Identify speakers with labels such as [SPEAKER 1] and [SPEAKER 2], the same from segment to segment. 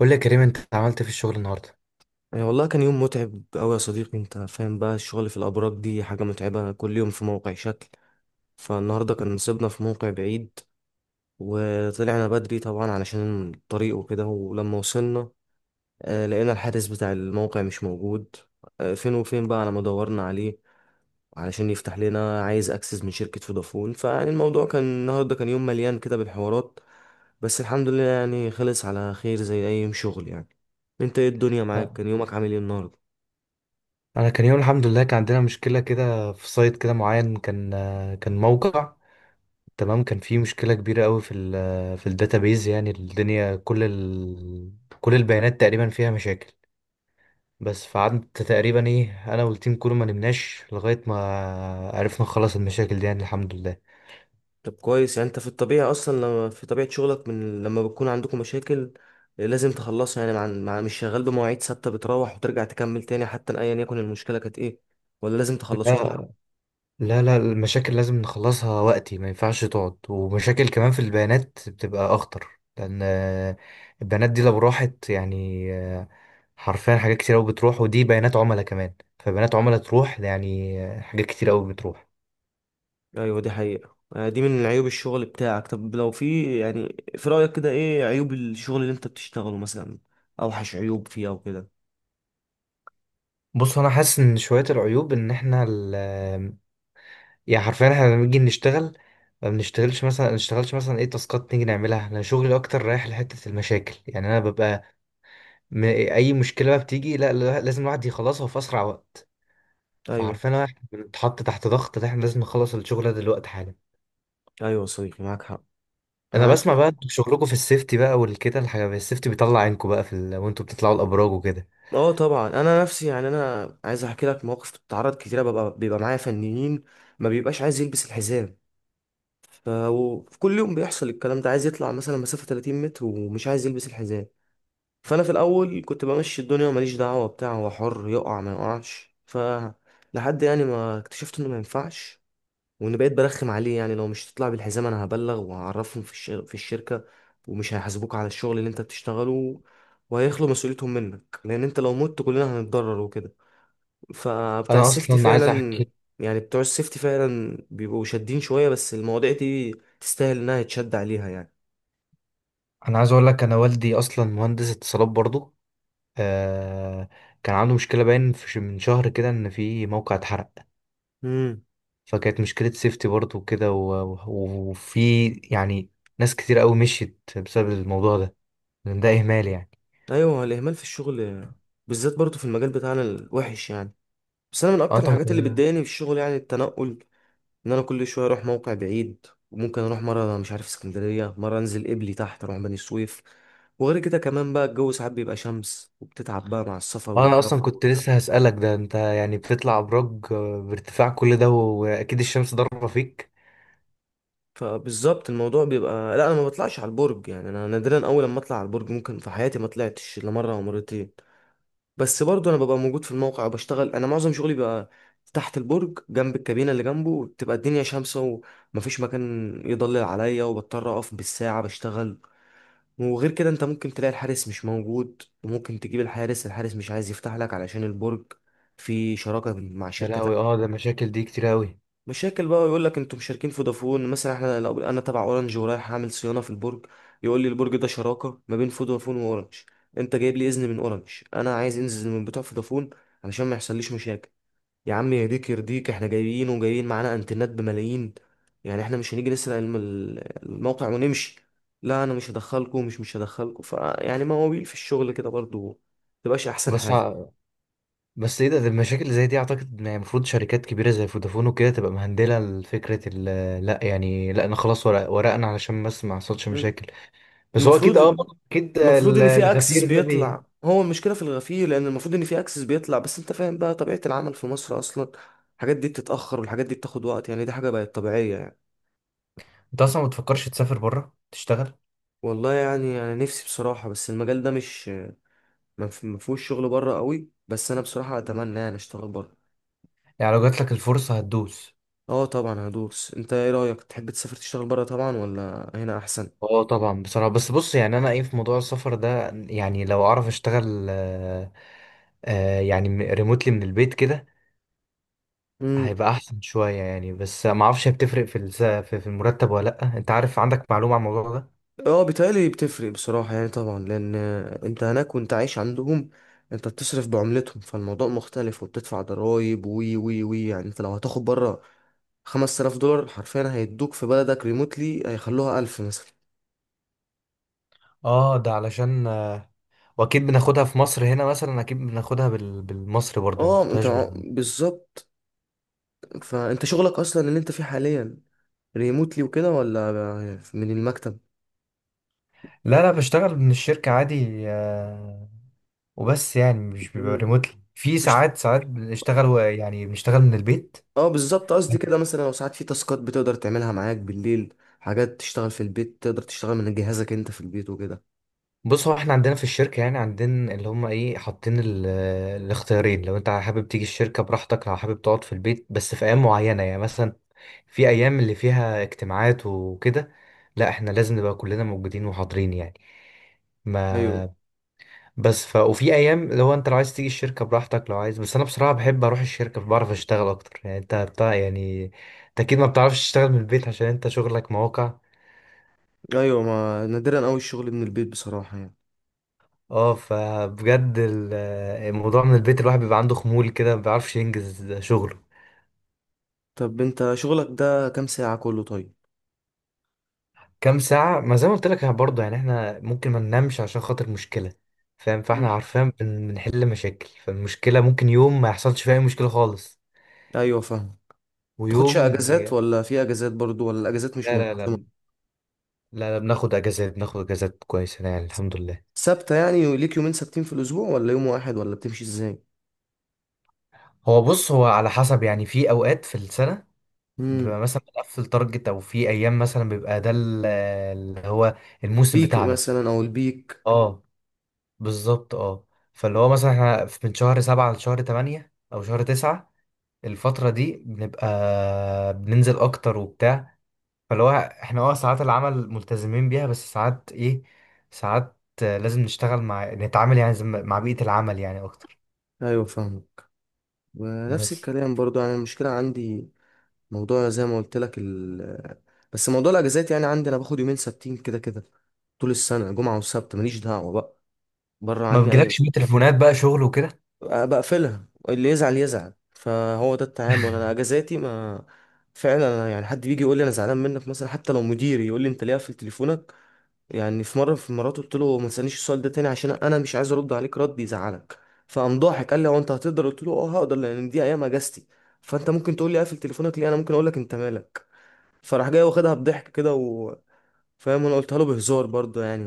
[SPEAKER 1] قول لي يا كريم، انت عملت إيه في الشغل النهارده؟
[SPEAKER 2] يعني والله كان يوم متعب أوي يا صديقي، أنت فاهم بقى الشغل في الأبراج دي حاجة متعبة، كل يوم في موقع شكل. فالنهاردة كان نصيبنا في موقع بعيد، وطلعنا بدري طبعا علشان الطريق وكده. ولما وصلنا لقينا الحارس بتاع الموقع مش موجود. فين وفين بقى على ما دورنا عليه علشان يفتح لنا. عايز أكسس من شركة فودافون. فيعني الموضوع كان النهاردة كان يوم مليان كده بالحوارات. بس الحمد لله يعني خلص على خير زي أي يوم شغل يعني. أنت إيه الدنيا معاك؟
[SPEAKER 1] آه.
[SPEAKER 2] كان يومك عامل إيه النهاردة؟
[SPEAKER 1] انا كان يوم الحمد لله. كان عندنا مشكله كده في سايت كده معين، كان موقع. تمام، كان فيه مشكله كبيره قوي في ال في الداتابيز. يعني الدنيا كل البيانات تقريبا فيها مشاكل. بس فقعدت تقريبا انا والتيم كله، ما نمناش لغايه ما عرفنا نخلص المشاكل دي، يعني الحمد
[SPEAKER 2] طب كويس. يعني انت في الطبيعي اصلا لما في طبيعة شغلك، من لما بتكون عندكم مشاكل لازم تخلصها يعني مع مش شغال بمواعيد ثابتة، بتروح وترجع تكمل تاني حتى ايا يكن المشكلة كانت ايه، ولا لازم تخلصوها؟
[SPEAKER 1] لله. لا، المشاكل لازم نخلصها وقتي، ما ينفعش تقعد. ومشاكل كمان في البيانات بتبقى اخطر، لان البيانات دي لو راحت يعني حرفيا حاجات كتير قوي بتروح، ودي بيانات عملاء كمان. فبيانات عملاء تروح، يعني حاجات كتير قوي بتروح.
[SPEAKER 2] ايوه دي حقيقة. دي من عيوب الشغل بتاعك. طب لو في يعني في رأيك كده ايه عيوب الشغل اللي انت بتشتغله مثلا؟ اوحش عيوب فيه او كده؟
[SPEAKER 1] بص، انا حاسس ان شوية العيوب ان احنا يعني حرفيا احنا لما نيجي نشتغل، ما نشتغلش مثلا تاسكات نيجي نعملها. انا شغلي اكتر رايح لحتة المشاكل، يعني انا ببقى اي مشكلة بقى بتيجي، لازم الواحد يخلصها في اسرع وقت.
[SPEAKER 2] ايوه،
[SPEAKER 1] فعارفين احنا بنتحط تحت ضغط، ده احنا لازم نخلص الشغل ده دلوقتي حالا.
[SPEAKER 2] ايوه يا صديقي معاك حق.
[SPEAKER 1] انا
[SPEAKER 2] انا
[SPEAKER 1] بسمع
[SPEAKER 2] عندنا.
[SPEAKER 1] بقى انتوا شغلكم في السيفتي بقى والكده الحاجه، السيفتي بيطلع عينكم بقى في وانتوا بتطلعوا الابراج وكده.
[SPEAKER 2] اه طبعا، انا نفسي يعني انا عايز احكي لك مواقف بتتعرض كتيرة. بيبقى معايا فنيين ما بيبقاش عايز يلبس الحزام. وفي كل يوم بيحصل الكلام ده، عايز يطلع مثلا مسافة 30 متر ومش عايز يلبس الحزام. فأنا في الأول كنت بمشي الدنيا وماليش دعوة بتاع، هو حر يقع ما يقعش. ف لحد يعني ما اكتشفت إنه ما ينفعش، وإن بقيت برخم عليه يعني لو مش تطلع بالحزام أنا هبلغ وهعرفهم في الشركة. ومش هيحاسبوك على الشغل اللي أنت بتشتغله، وهيخلوا مسؤوليتهم منك، لأن أنت لو مت كلنا هنتضرر وكده. فبتاع
[SPEAKER 1] انا
[SPEAKER 2] السيفتي
[SPEAKER 1] اصلا عايز
[SPEAKER 2] فعلا،
[SPEAKER 1] احكي،
[SPEAKER 2] يعني بتوع السيفتي فعلا بيبقوا شادين شوية، بس المواضيع دي تستاهل انها يتشد عليها يعني.
[SPEAKER 1] انا عايز اقول لك، انا والدي اصلا مهندس اتصالات برضو. آه... كان عنده مشكله باين في من شهر كده، ان في موقع اتحرق.
[SPEAKER 2] امم
[SPEAKER 1] فكانت مشكله سيفتي برضو وكده وفي ناس كتير قوي مشيت بسبب الموضوع ده، لأن ده اهمال يعني.
[SPEAKER 2] ايوه، الاهمال في الشغل بالذات برضه في المجال بتاعنا الوحش يعني. بس انا من
[SPEAKER 1] اه
[SPEAKER 2] اكتر
[SPEAKER 1] انت
[SPEAKER 2] الحاجات اللي بتضايقني في الشغل يعني التنقل، ان انا كل شوية اروح موقع بعيد. وممكن اروح مرة مش عارف اسكندرية، مرة انزل قبلي تحت اروح بني سويف. وغير كده كمان بقى الجو ساعات بيبقى شمس وبتتعب بقى مع السفر
[SPEAKER 1] انا
[SPEAKER 2] والجو.
[SPEAKER 1] اصلا كنت لسه هسألك ده، انت يعني بتطلع ابراج بارتفاع كل ده، واكيد الشمس ضاربه فيك.
[SPEAKER 2] فبالظبط الموضوع بيبقى، لا انا ما بطلعش على البرج يعني انا نادرا، اول لما اطلع على البرج ممكن في حياتي ما طلعتش الا مره او مرتين. بس برضو انا ببقى موجود في الموقع وبشتغل. انا معظم شغلي بيبقى تحت البرج جنب الكابينه، اللي جنبه بتبقى الدنيا شمسه ومفيش مكان يضلل عليا، وبضطر اقف بالساعه بشتغل. وغير كده انت ممكن تلاقي الحارس مش موجود، وممكن تجيب الحارس، الحارس مش عايز يفتح لك علشان البرج في شراكه مع
[SPEAKER 1] يا
[SPEAKER 2] شركه.
[SPEAKER 1] لهوي، اه، ده المشاكل دي كتير قوي.
[SPEAKER 2] مشاكل بقى، يقول لك انتوا مشاركين في فودافون مثلا. احنا لو انا تبع اورنج ورايح اعمل صيانه في البرج، يقول لي البرج ده شراكه ما بين فودافون واورنج، انت جايب لي اذن من اورنج، انا عايز انزل من بتوع فودافون علشان ما يحصليش مشاكل. يا عم يهديك يرضيك، احنا جايين وجايين معانا انترنت بملايين، يعني احنا مش هنيجي نسرق الموقع ونمشي. لا انا مش هدخلكم مش هدخلكم. فيعني مواويل في الشغل كده برضو، متبقاش احسن
[SPEAKER 1] بس
[SPEAKER 2] حاجه.
[SPEAKER 1] ع- بس ايه ده، ده المشاكل اللي زي دي اعتقد إن يعني المفروض شركات كبيره زي فودافون وكده تبقى مهندله لفكره لا يعني، لا انا خلاص ورق ورقنا علشان بس ما حصلش
[SPEAKER 2] مم.
[SPEAKER 1] مشاكل. بس هو اكيد، اه
[SPEAKER 2] المفروض،
[SPEAKER 1] برضه اكيد
[SPEAKER 2] المفروض ان في اكسس
[SPEAKER 1] الغفير ده
[SPEAKER 2] بيطلع. هو المشكله في الغفير، لان المفروض ان في اكسس بيطلع. بس انت فاهم بقى طبيعه العمل في مصر اصلا، الحاجات دي بتتاخر والحاجات دي بتاخد وقت يعني دي حاجه بقت طبيعيه يعني.
[SPEAKER 1] انت اصلا ما بتفكرش تسافر بره تشتغل؟
[SPEAKER 2] والله يعني انا نفسي بصراحه، بس المجال ده مش ما فيهوش شغل بره قوي. بس انا بصراحه اتمنى يعني اشتغل بره.
[SPEAKER 1] يعني لو جات لك الفرصه هتدوس؟
[SPEAKER 2] اه طبعا هدوس. انت ايه رايك؟ تحب تسافر تشتغل بره، طبعا، ولا هنا احسن؟
[SPEAKER 1] اه طبعا بصراحة. بس بص، يعني انا في موضوع السفر ده، يعني لو اعرف اشتغل يعني ريموتلي من البيت كده هيبقى احسن شوية يعني. بس ما اعرفش بتفرق في في المرتب ولا لا؟ انت عارف، عندك معلومة عن الموضوع ده؟
[SPEAKER 2] اه بيتهيألي بتفرق بصراحة يعني طبعا، لأن أنت هناك وأنت عايش عندهم، أنت بتصرف بعملتهم فالموضوع مختلف. وبتدفع ضرايب وي وي وي. يعني أنت لو هتاخد بره 5000 دولار، حرفيا هيدوك في بلدك ريموتلي هيخلوها 1000 مثلا.
[SPEAKER 1] اه، ده علشان واكيد بناخدها في مصر هنا مثلا، اكيد بناخدها بالمصري برضه، ما
[SPEAKER 2] اه أنت
[SPEAKER 1] بناخدهاش بال...
[SPEAKER 2] بالظبط. فأنت شغلك أصلا اللي أنت فيه حاليا ريموتلي وكده، ولا من المكتب؟
[SPEAKER 1] لا بشتغل من الشركة عادي. آه، وبس يعني مش بيبقى
[SPEAKER 2] مم.
[SPEAKER 1] ريموتلي، في
[SPEAKER 2] مفيش.
[SPEAKER 1] ساعات بنشتغل يعني بنشتغل من البيت.
[SPEAKER 2] اه بالظبط قصدي كده، مثلا لو ساعات في تاسكات بتقدر تعملها معاك بالليل، حاجات تشتغل في البيت، تقدر تشتغل من جهازك انت في البيت وكده.
[SPEAKER 1] بص، هو احنا عندنا في الشركة يعني عندنا اللي هم حاطين الاختيارين. لو انت حابب تيجي الشركة براحتك، لو حابب تقعد في البيت. بس في ايام معينة، يعني مثلا في ايام اللي فيها اجتماعات وكده، لا احنا لازم نبقى كلنا موجودين وحاضرين يعني.
[SPEAKER 2] ايوه،
[SPEAKER 1] ما بس وفي ايام لو انت لو عايز تيجي الشركة براحتك لو عايز. بس انا بصراحة بحب اروح الشركة، بعرف اشتغل اكتر يعني. انت بتاع يعني، انت اكيد ما بتعرفش تشتغل من البيت عشان انت شغلك مواقع.
[SPEAKER 2] ايوه، ما نادرا قوي الشغل من البيت بصراحه يعني.
[SPEAKER 1] اه، فبجد الموضوع من البيت، الواحد بيبقى عنده خمول كده، ما بيعرفش ينجز شغله.
[SPEAKER 2] طب انت شغلك ده كام ساعه كله طيب؟
[SPEAKER 1] كام ساعة؟ ما زي ما قلت لك، احنا برضه يعني احنا ممكن ما ننامش عشان خاطر مشكلة. فاهم؟ فاحنا
[SPEAKER 2] مم.
[SPEAKER 1] عارفين بنحل مشاكل، فالمشكلة ممكن يوم ما يحصلش فيها أي مشكلة خالص،
[SPEAKER 2] ايوه فاهم. تاخدش
[SPEAKER 1] ويوم
[SPEAKER 2] اجازات؟
[SPEAKER 1] لا
[SPEAKER 2] ولا في اجازات برضو؟ ولا الاجازات مش
[SPEAKER 1] لا لا
[SPEAKER 2] منتظمه؟
[SPEAKER 1] لا, لا بناخد اجازات، بناخد اجازات كويسة يعني الحمد لله.
[SPEAKER 2] ثابته يعني؟ ليك يومين ثابتين في الاسبوع، ولا يوم واحد، ولا بتمشي ازاي؟
[SPEAKER 1] هو بص، هو على حسب يعني. في اوقات في السنة
[SPEAKER 2] امم
[SPEAKER 1] بيبقى مثلا بنقفل تارجت، او في ايام مثلا بيبقى ده اللي هو الموسم
[SPEAKER 2] البيك
[SPEAKER 1] بتاعنا.
[SPEAKER 2] مثلا، او البيك؟
[SPEAKER 1] اه، بالظبط، اه. فاللي هو مثلا احنا من شهر سبعة لشهر تمانية أو شهر تسعة، الفترة دي بنبقى بننزل أكتر وبتاع. فاللي هو احنا اه، ساعات العمل ملتزمين بيها، بس ساعات ساعات لازم نشتغل مع نتعامل، يعني زي ما- مع بيئة العمل يعني أكتر.
[SPEAKER 2] ايوه فاهم. ونفس
[SPEAKER 1] بس
[SPEAKER 2] الكلام برضو يعني المشكله عندي. موضوع زي ما قلت لك بس موضوع الاجازات يعني عندي، انا باخد يومين ثابتين كده كده طول السنه، جمعه وسبت، ماليش دعوه بقى، بره
[SPEAKER 1] ما
[SPEAKER 2] عني اي،
[SPEAKER 1] بيجيلكش بقى تليفونات بقى شغل وكده؟
[SPEAKER 2] بقفلها، اللي يزعل يزعل. فهو ده التعامل. انا اجازاتي ما... فعلا. أنا يعني حد بيجي يقول لي انا زعلان منك مثلا، حتى لو مديري يقول لي انت ليه قافل تليفونك. يعني في مره، في المرات، قلت له ما تسالنيش السؤال ده تاني عشان انا مش عايز ارد عليك رد يزعلك. فقام ضاحك قال لي هو انت هتقدر؟ قلت له اه هقدر، لان دي ايام اجازتي. فانت ممكن تقول لي قافل تليفونك ليه، انا ممكن اقول لك انت مالك. فراح جاي واخدها بضحك كده و... فاهم، انا قلتها له بهزار برضه يعني،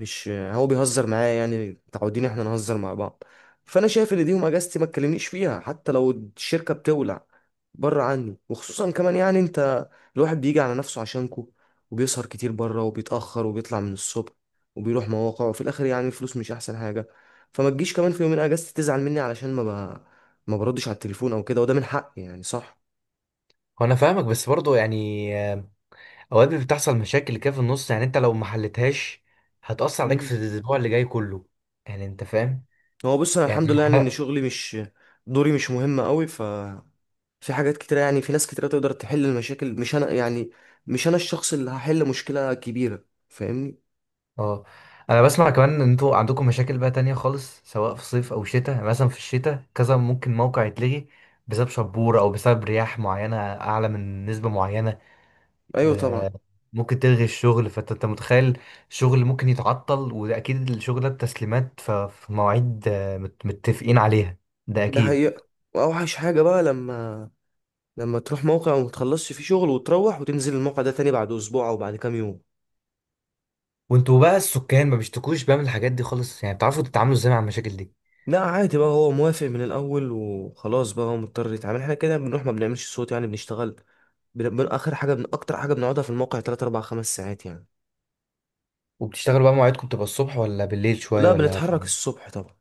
[SPEAKER 2] مش هو بيهزر معايا، يعني متعودين احنا نهزر مع بعض. فانا شايف ان دي يوم اجازتي ما تكلمنيش فيها حتى لو الشركه بتولع. بره عني. وخصوصا كمان يعني انت الواحد بيجي على نفسه عشانكو، وبيسهر كتير بره وبيتاخر وبيطلع من الصبح وبيروح مواقع، وفي الاخر يعني الفلوس مش احسن حاجه. فما تجيش كمان في يومين اجازتي تزعل مني علشان ما بردش على التليفون او كده. وده من حقي يعني، صح؟
[SPEAKER 1] هو انا فاهمك، بس برضه يعني اوقات بتحصل مشاكل كده في النص، يعني انت لو ما حلتهاش هتأثر عليك في
[SPEAKER 2] مم.
[SPEAKER 1] الاسبوع اللي جاي كله، يعني انت فاهم
[SPEAKER 2] هو بص انا
[SPEAKER 1] يعني.
[SPEAKER 2] الحمد لله يعني ان شغلي مش دوري مش مهم قوي. ف في حاجات كتيرة، يعني في ناس كتيرة تقدر تحل المشاكل مش أنا يعني، مش أنا الشخص اللي هحل مشكلة كبيرة، فاهمني.
[SPEAKER 1] اه، انا بسمع كمان ان انتوا عندكم مشاكل بقى تانية خالص، سواء في صيف او شتاء. يعني مثلا في الشتاء كذا ممكن موقع يتلغي بسبب شبورة او بسبب رياح معينة اعلى من نسبة معينة.
[SPEAKER 2] أيوة
[SPEAKER 1] ب...
[SPEAKER 2] طبعا.
[SPEAKER 1] ممكن تلغي الشغل. فانت متخيل، الشغل ممكن يتعطل. وده اكيد الشغل ده التسليمات في مواعيد متفقين عليها، ده
[SPEAKER 2] ده
[SPEAKER 1] اكيد.
[SPEAKER 2] حقيقة. وأوحش حاجة بقى لما تروح موقع وما تخلصش فيه شغل، وتروح وتنزل الموقع ده تاني بعد أسبوع أو بعد كام يوم.
[SPEAKER 1] وانتوا بقى السكان ما بيشتكوش بقى من الحاجات دي خالص يعني؟ بتعرفوا تتعاملوا ازاي مع المشاكل دي؟
[SPEAKER 2] لا عادي بقى، هو موافق من الأول وخلاص بقى، هو مضطر يتعامل. احنا كده بنروح ما بنعملش صوت يعني بنشتغل. آخر حاجة أكتر حاجة بنقعدها في الموقع تلات أربع خمس ساعات يعني.
[SPEAKER 1] وبتشتغلوا بقى، مواعيدكم بتبقى الصبح ولا بالليل شوية
[SPEAKER 2] لا
[SPEAKER 1] ولا؟
[SPEAKER 2] بنتحرك الصبح طبعا.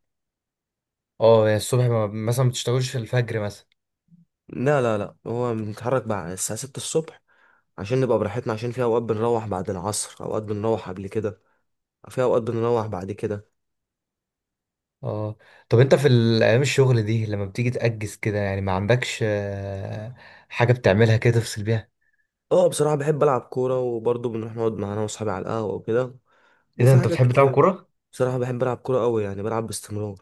[SPEAKER 1] اه يعني الصبح، ما مثلا ما بتشتغلش في الفجر مثلا؟
[SPEAKER 2] لا لا لا، هو بنتحرك بعد الساعة ستة الصبح عشان نبقى براحتنا. عشان في اوقات بنروح بعد العصر، اوقات بنروح قبل كده، في اوقات بنروح بعد كده.
[SPEAKER 1] اه. طب انت في ايام الشغل دي لما بتيجي تأجز كده، يعني ما عندكش حاجة بتعملها كده تفصل بيها؟
[SPEAKER 2] اه بصراحة بحب العب كورة. وبرضه بنروح نقعد مع انا واصحابي على القهوة وكده،
[SPEAKER 1] ايه ده،
[SPEAKER 2] وفي
[SPEAKER 1] انت
[SPEAKER 2] حاجات
[SPEAKER 1] بتحب تلعب
[SPEAKER 2] كتير.
[SPEAKER 1] كورة؟
[SPEAKER 2] بصراحة بحب العب كورة قوي يعني بلعب باستمرار.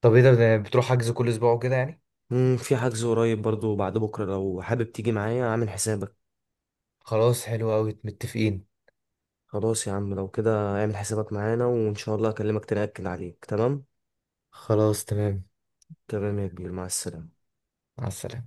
[SPEAKER 1] طب ايه ده، ده بتروح حجز كل اسبوع وكده يعني؟
[SPEAKER 2] في حجز قريب برضه بعد بكرة، لو حابب تيجي معايا اعمل حسابك.
[SPEAKER 1] خلاص، حلو قوي، متفقين.
[SPEAKER 2] خلاص يا عم لو كده اعمل حسابك معانا، وان شاء الله اكلمك تاني اكد عليك، تمام.
[SPEAKER 1] خلاص تمام.
[SPEAKER 2] تمام يا كبير، مع السلامة.
[SPEAKER 1] مع السلامة.